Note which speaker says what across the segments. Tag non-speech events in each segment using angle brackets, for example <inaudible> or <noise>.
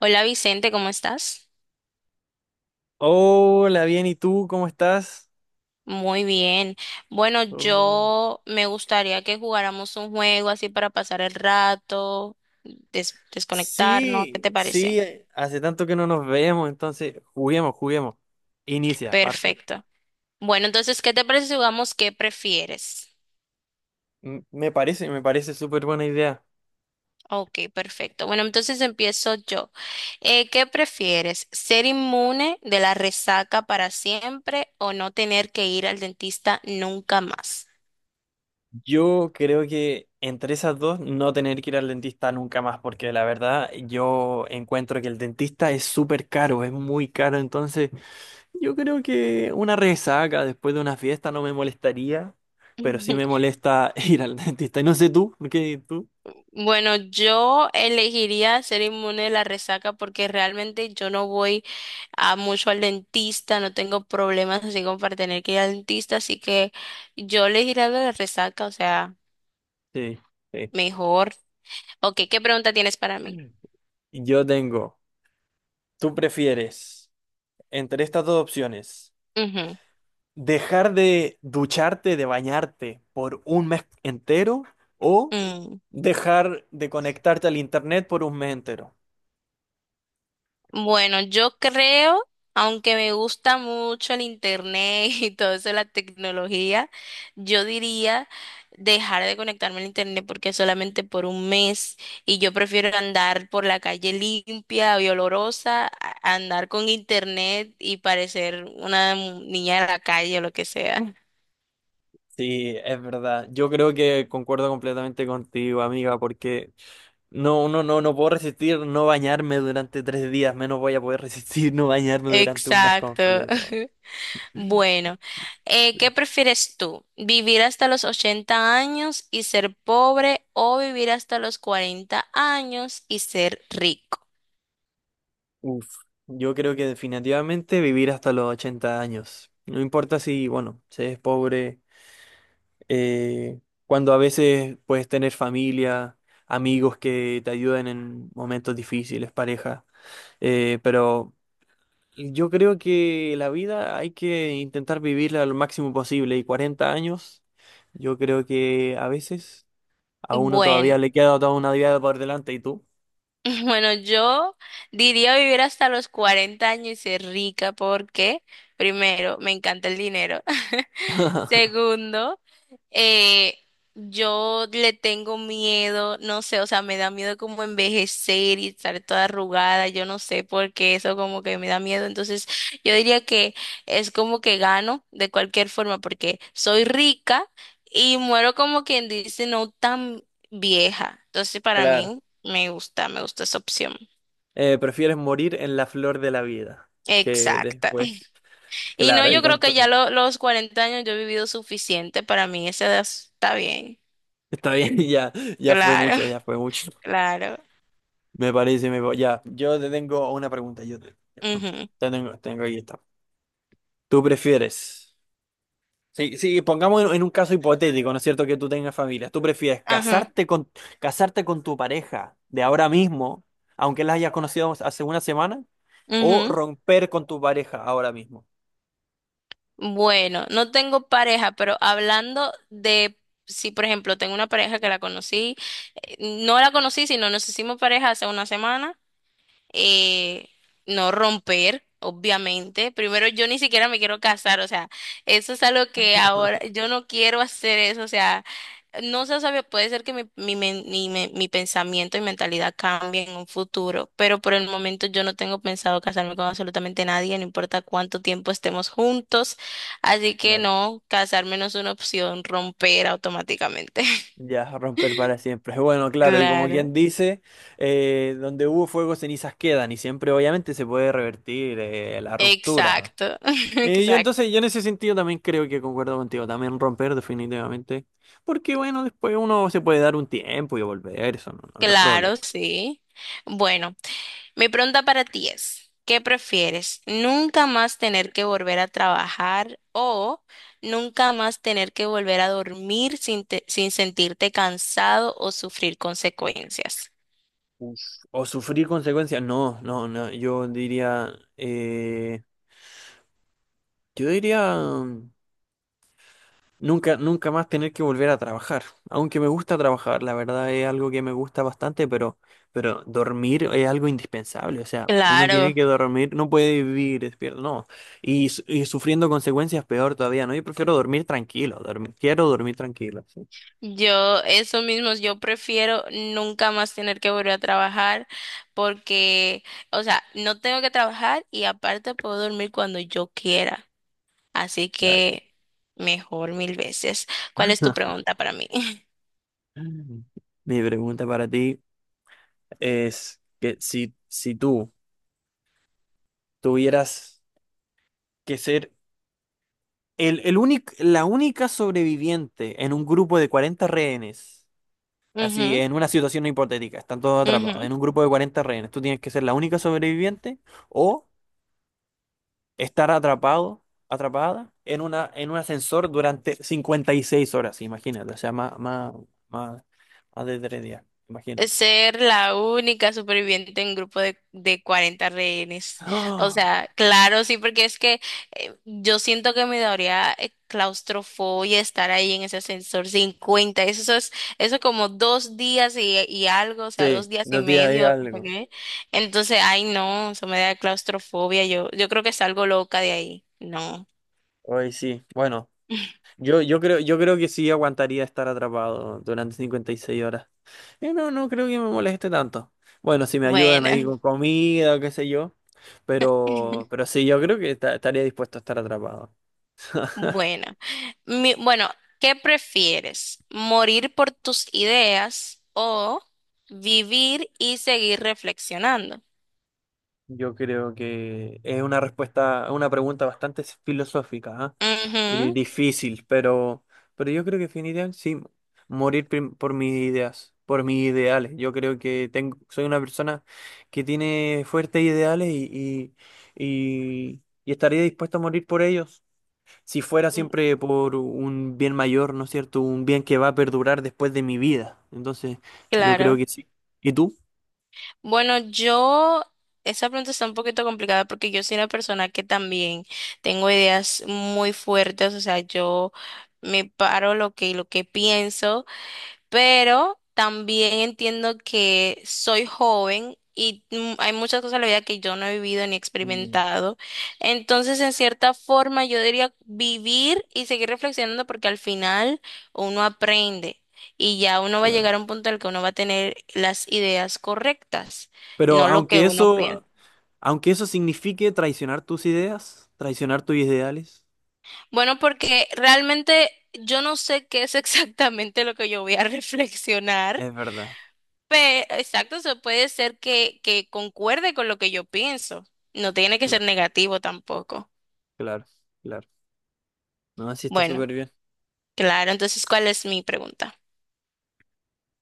Speaker 1: Hola Vicente, ¿cómo estás?
Speaker 2: Hola, bien, ¿y tú cómo estás?
Speaker 1: Muy bien. Bueno,
Speaker 2: Uy.
Speaker 1: yo me gustaría que jugáramos un juego así para pasar el rato, desconectarnos, ¿qué
Speaker 2: Sí,
Speaker 1: te
Speaker 2: sí,
Speaker 1: parece?
Speaker 2: hace tanto que no nos vemos, entonces juguemos, juguemos. Inicia, parte.
Speaker 1: Perfecto. Bueno, entonces, ¿qué te parece si jugamos qué prefieres?
Speaker 2: Me parece súper buena idea.
Speaker 1: Ok, perfecto. Bueno, entonces empiezo yo. ¿Qué prefieres? ¿Ser inmune de la resaca para siempre o no tener que ir al dentista nunca más?
Speaker 2: Yo creo que entre esas dos no tener que ir al dentista nunca más, porque la verdad yo encuentro que el dentista es súper caro, es muy caro, entonces yo creo que una resaca después de una fiesta no me molestaría, pero sí me
Speaker 1: <laughs>
Speaker 2: molesta <laughs> ir al dentista. Y no sé tú, ¿qué tú?
Speaker 1: Bueno, yo elegiría ser inmune de la resaca porque realmente yo no voy a mucho al dentista, no tengo problemas así como para tener que ir al dentista, así que yo elegiría la de la resaca, o sea,
Speaker 2: Sí, sí.
Speaker 1: mejor. Ok, ¿qué pregunta tienes para mí?
Speaker 2: Yo tengo, tú prefieres entre estas dos opciones,
Speaker 1: Ujú.
Speaker 2: dejar de ducharte, de bañarte por un mes entero o
Speaker 1: mm.
Speaker 2: dejar de conectarte al internet por un mes entero.
Speaker 1: Bueno, yo creo, aunque me gusta mucho el internet <laughs> y todo eso, la tecnología, yo diría dejar de conectarme al internet porque solamente por un mes y yo prefiero andar por la calle limpia y olorosa a andar con internet y parecer una niña de la calle o lo que sea.
Speaker 2: Sí, es verdad. Yo creo que concuerdo completamente contigo, amiga, porque no, no, no, no puedo resistir no bañarme durante 3 días, menos voy a poder <laughs> resistir no
Speaker 1: <laughs>
Speaker 2: bañarme durante un mes
Speaker 1: Exacto.
Speaker 2: completo.
Speaker 1: <laughs> Bueno, ¿qué prefieres tú? ¿Vivir hasta los 80 años y ser pobre o vivir hasta los 40 años y ser rico?
Speaker 2: Uf, yo creo que definitivamente vivir hasta los 80 años. No importa si, bueno, se es pobre, eh, cuando a veces puedes tener familia, amigos que te ayuden en momentos difíciles, pareja. Pero yo creo que la vida hay que intentar vivirla lo máximo posible. Y 40 años, yo creo que a veces a uno todavía
Speaker 1: Bueno,
Speaker 2: le queda toda una vida por delante. ¿Y tú?
Speaker 1: <laughs> bueno, yo diría vivir hasta los 40 años y ser rica porque, primero, me encanta el dinero. <laughs>
Speaker 2: <laughs>
Speaker 1: Segundo, Eh, yo le tengo miedo, no sé, o sea, me da miedo como envejecer y estar toda arrugada, yo no sé por qué eso como que me da miedo. Entonces, yo diría que es como que gano de cualquier forma porque soy rica y muero como quien dice no tan vieja. Entonces, para
Speaker 2: Claro.
Speaker 1: mí me gusta esa opción.
Speaker 2: Prefieres morir en la flor de la vida que
Speaker 1: Exacta.
Speaker 2: después.
Speaker 1: <laughs> Y no,
Speaker 2: Claro, y
Speaker 1: yo creo
Speaker 2: con to-
Speaker 1: que ya los 40 años yo he vivido suficiente, para mí esa edad está bien.
Speaker 2: Está bien, <laughs> ya, ya fue
Speaker 1: Claro,
Speaker 2: mucho, ya fue mucho.
Speaker 1: <laughs> claro.
Speaker 2: Me parece, me... pa- ya. Yo te tengo una pregunta. Yo te,
Speaker 1: Ujú.
Speaker 2: te tengo, tengo aquí esta. ¿Tú prefieres? Sí, sí, pongamos en un caso hipotético, ¿no es cierto? Que tú tengas familia. ¿Tú prefieres
Speaker 1: Ajá,
Speaker 2: casarte con tu pareja de ahora mismo, aunque la hayas conocido hace una semana, o
Speaker 1: ujú.
Speaker 2: romper con tu pareja ahora mismo?
Speaker 1: Bueno, no tengo pareja, pero hablando de si, por ejemplo, tengo una pareja que la conocí, eh, no la conocí, sino nos hicimos pareja hace una semana, eh, no romper, obviamente. Primero, yo ni siquiera me quiero casar, o sea, eso es algo que ahora yo no quiero hacer eso, o sea, no se sabe, puede ser que mi pensamiento y mentalidad cambie en un futuro, pero por el momento yo no tengo pensado casarme con absolutamente nadie, no importa cuánto tiempo estemos juntos, así que
Speaker 2: Claro.
Speaker 1: no, casarme no es una opción, romper automáticamente. <laughs>
Speaker 2: Ya, romper para siempre. <laughs> Bueno, claro, y como quien
Speaker 1: Claro.
Speaker 2: dice, donde hubo fuego, cenizas quedan, y siempre obviamente se puede revertir la ruptura.
Speaker 1: Exacto, <laughs>
Speaker 2: Eh, yo
Speaker 1: exacto.
Speaker 2: entonces, yo en ese sentido también creo que concuerdo contigo, también romper definitivamente, porque bueno, después uno se puede dar un tiempo y volver, eso no, no, no es problema.
Speaker 1: Claro, sí. Bueno, mi pregunta para ti es, ¿qué prefieres? ¿Nunca más tener que volver a trabajar o nunca más tener que volver a dormir sin, sin sentirte cansado o sufrir consecuencias?
Speaker 2: Uf, o sufrir consecuencias, no, no, no, eh, yo diría... Nunca más tener que volver a trabajar. Aunque me gusta trabajar, la verdad es algo que me gusta bastante, pero, dormir es algo indispensable. O sea, uno tiene
Speaker 1: Claro.
Speaker 2: que dormir, no puede vivir despierto, no. Y sufriendo consecuencias peor todavía, ¿no? Yo prefiero dormir tranquilo, dormir, quiero dormir tranquilo, sí,
Speaker 1: Yo, eso mismo, yo prefiero nunca más tener que volver a trabajar porque, o sea, no tengo que trabajar y aparte puedo dormir cuando yo quiera. Así
Speaker 2: claro.
Speaker 1: que mejor mil veces. ¿Cuál es tu
Speaker 2: <laughs>
Speaker 1: pregunta para mí? <laughs>
Speaker 2: Mi pregunta para ti es que si tú tuvieras que ser la única sobreviviente en un grupo de 40 rehenes, así,
Speaker 1: Ujú,
Speaker 2: en una situación hipotética, están todos atrapados.
Speaker 1: ujú.
Speaker 2: En un grupo de 40 rehenes, tú tienes que ser la única sobreviviente o estar atrapado, atrapada en un ascensor durante 56 horas, imagínate. O sea, más, más de 3 días, imagínate.
Speaker 1: Ser la única superviviente en un grupo de 40 rehenes. O
Speaker 2: ¡Ah!
Speaker 1: sea, claro, sí, porque es que yo siento que me daría claustrofobia estar ahí en ese ascensor cincuenta. Eso es eso como dos días y algo, o sea,
Speaker 2: Sí,
Speaker 1: dos días y
Speaker 2: 2 días y
Speaker 1: medio, no sé
Speaker 2: algo.
Speaker 1: qué. Entonces, ay, no, eso me da claustrofobia. Yo creo que salgo loca de ahí. No.
Speaker 2: Hoy sí. Bueno,
Speaker 1: <laughs>
Speaker 2: yo creo que sí aguantaría estar atrapado durante 56 horas. No, no creo que me moleste tanto. Bueno, si me ayudan ahí
Speaker 1: Bueno.
Speaker 2: con comida qué sé yo. Pero,
Speaker 1: <laughs>
Speaker 2: pero sí, yo creo que estaría dispuesto a estar atrapado.
Speaker 1: Bueno, bueno, ¿qué prefieres? ¿Morir por tus ideas o vivir y seguir reflexionando?
Speaker 2: Yo creo que es una respuesta, una pregunta bastante filosófica, ¿ah? Y
Speaker 1: Ujú.
Speaker 2: difícil, pero yo creo que definitivamente sí, morir por mis ideas, por mis ideales. Yo creo que tengo, soy una persona que tiene fuertes ideales y estaría dispuesto a morir por ellos. Si fuera
Speaker 1: mm,
Speaker 2: siempre por un bien mayor, ¿no es cierto? Un bien que va a perdurar después de mi vida. Entonces, yo creo
Speaker 1: claro.
Speaker 2: que sí. ¿Y tú?
Speaker 1: Bueno, yo, esa pregunta está un poquito complicada porque yo soy una persona que también tengo ideas muy fuertes, o sea, yo me paro lo que pienso, pero también entiendo que soy joven y hay muchas cosas en la vida que yo no he vivido ni
Speaker 2: Mm.
Speaker 1: experimentado. Entonces, en cierta forma, yo diría vivir y seguir reflexionando porque al final uno aprende y ya uno va a
Speaker 2: Claro.
Speaker 1: llegar a un punto en el que uno va a tener las ideas correctas,
Speaker 2: Pero
Speaker 1: no lo que
Speaker 2: aunque
Speaker 1: uno piensa.
Speaker 2: eso, aunque eso signifique traicionar tus ideas, traicionar tus ideales,
Speaker 1: Bueno, porque realmente yo no sé qué es <laughs> exactamente lo que yo voy a reflexionar.
Speaker 2: es verdad.
Speaker 1: Exacto, eso puede ser que concuerde con lo que yo pienso. No tiene que ser
Speaker 2: Claro,
Speaker 1: negativo tampoco.
Speaker 2: claro, claro. No, sí está
Speaker 1: Bueno,
Speaker 2: súper bien.
Speaker 1: claro, entonces, ¿cuál es mi pregunta?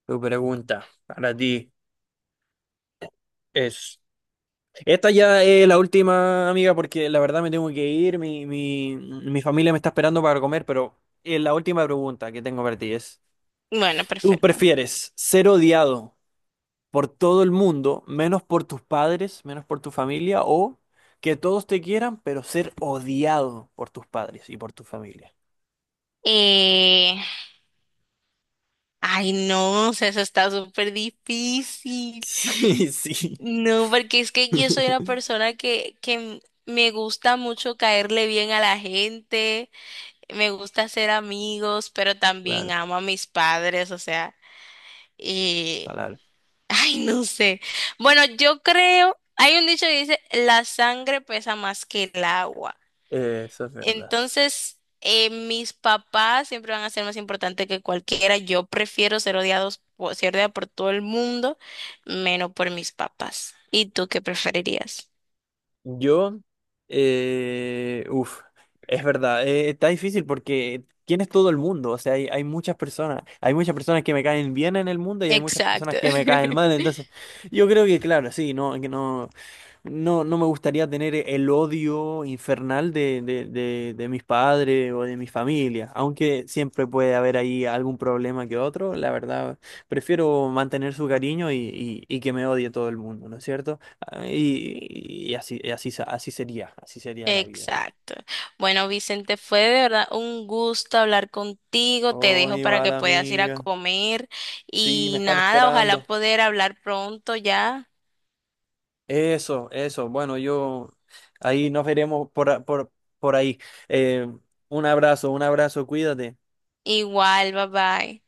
Speaker 2: Tu pregunta para ti es... Esta ya es la última, amiga, porque la verdad me tengo que ir, mi familia me está esperando para comer, pero la última pregunta que tengo para ti es...
Speaker 1: Bueno,
Speaker 2: ¿Tú
Speaker 1: perfecto.
Speaker 2: prefieres ser odiado por todo el mundo, menos por tus padres, menos por tu familia, o que todos te quieran, pero ser odiado por tus padres y por tu familia? <laughs>
Speaker 1: Eh, ay, no, o sea, eso está súper difícil.
Speaker 2: Sí, sí,
Speaker 1: No, porque es que yo soy una persona que, me gusta mucho caerle bien a la gente, me gusta hacer amigos, pero también
Speaker 2: claro,
Speaker 1: amo a mis padres, o sea, y,
Speaker 2: claro.
Speaker 1: <laughs> ay, no sé. Bueno, yo creo, hay un dicho que dice, la sangre pesa más que el agua.
Speaker 2: Eso es verdad.
Speaker 1: Entonces, mis papás siempre van a ser más importantes que cualquiera. Yo prefiero ser odiados, ser odiada por todo el mundo, menos por mis papás. ¿Y tú qué preferirías?
Speaker 2: Yo, eh, uf, es verdad, está difícil porque ¿quién es todo el mundo? O sea, hay, hay muchas personas que me caen bien en el mundo y hay muchas personas
Speaker 1: Exacto.
Speaker 2: que me caen
Speaker 1: <laughs>
Speaker 2: mal, entonces yo creo que, claro, sí, no, que no. No, no me gustaría tener el odio infernal de mis padres o de mi familia, aunque siempre puede haber ahí algún problema que otro, la verdad, prefiero mantener su cariño y que me odie todo el mundo, ¿no es cierto? Ah, así sería la vida.
Speaker 1: Exacto. Bueno, Vicente, fue de verdad un gusto hablar contigo. Te dejo
Speaker 2: Hoy
Speaker 1: para
Speaker 2: va
Speaker 1: que
Speaker 2: la
Speaker 1: puedas ir a
Speaker 2: amiga,
Speaker 1: comer
Speaker 2: sí, me
Speaker 1: y
Speaker 2: están
Speaker 1: nada, ojalá
Speaker 2: esperando.
Speaker 1: poder hablar pronto ya.
Speaker 2: Eso, bueno, yo ahí nos veremos por ahí. Eh, un abrazo, un abrazo, cuídate.
Speaker 1: Igual, bye bye.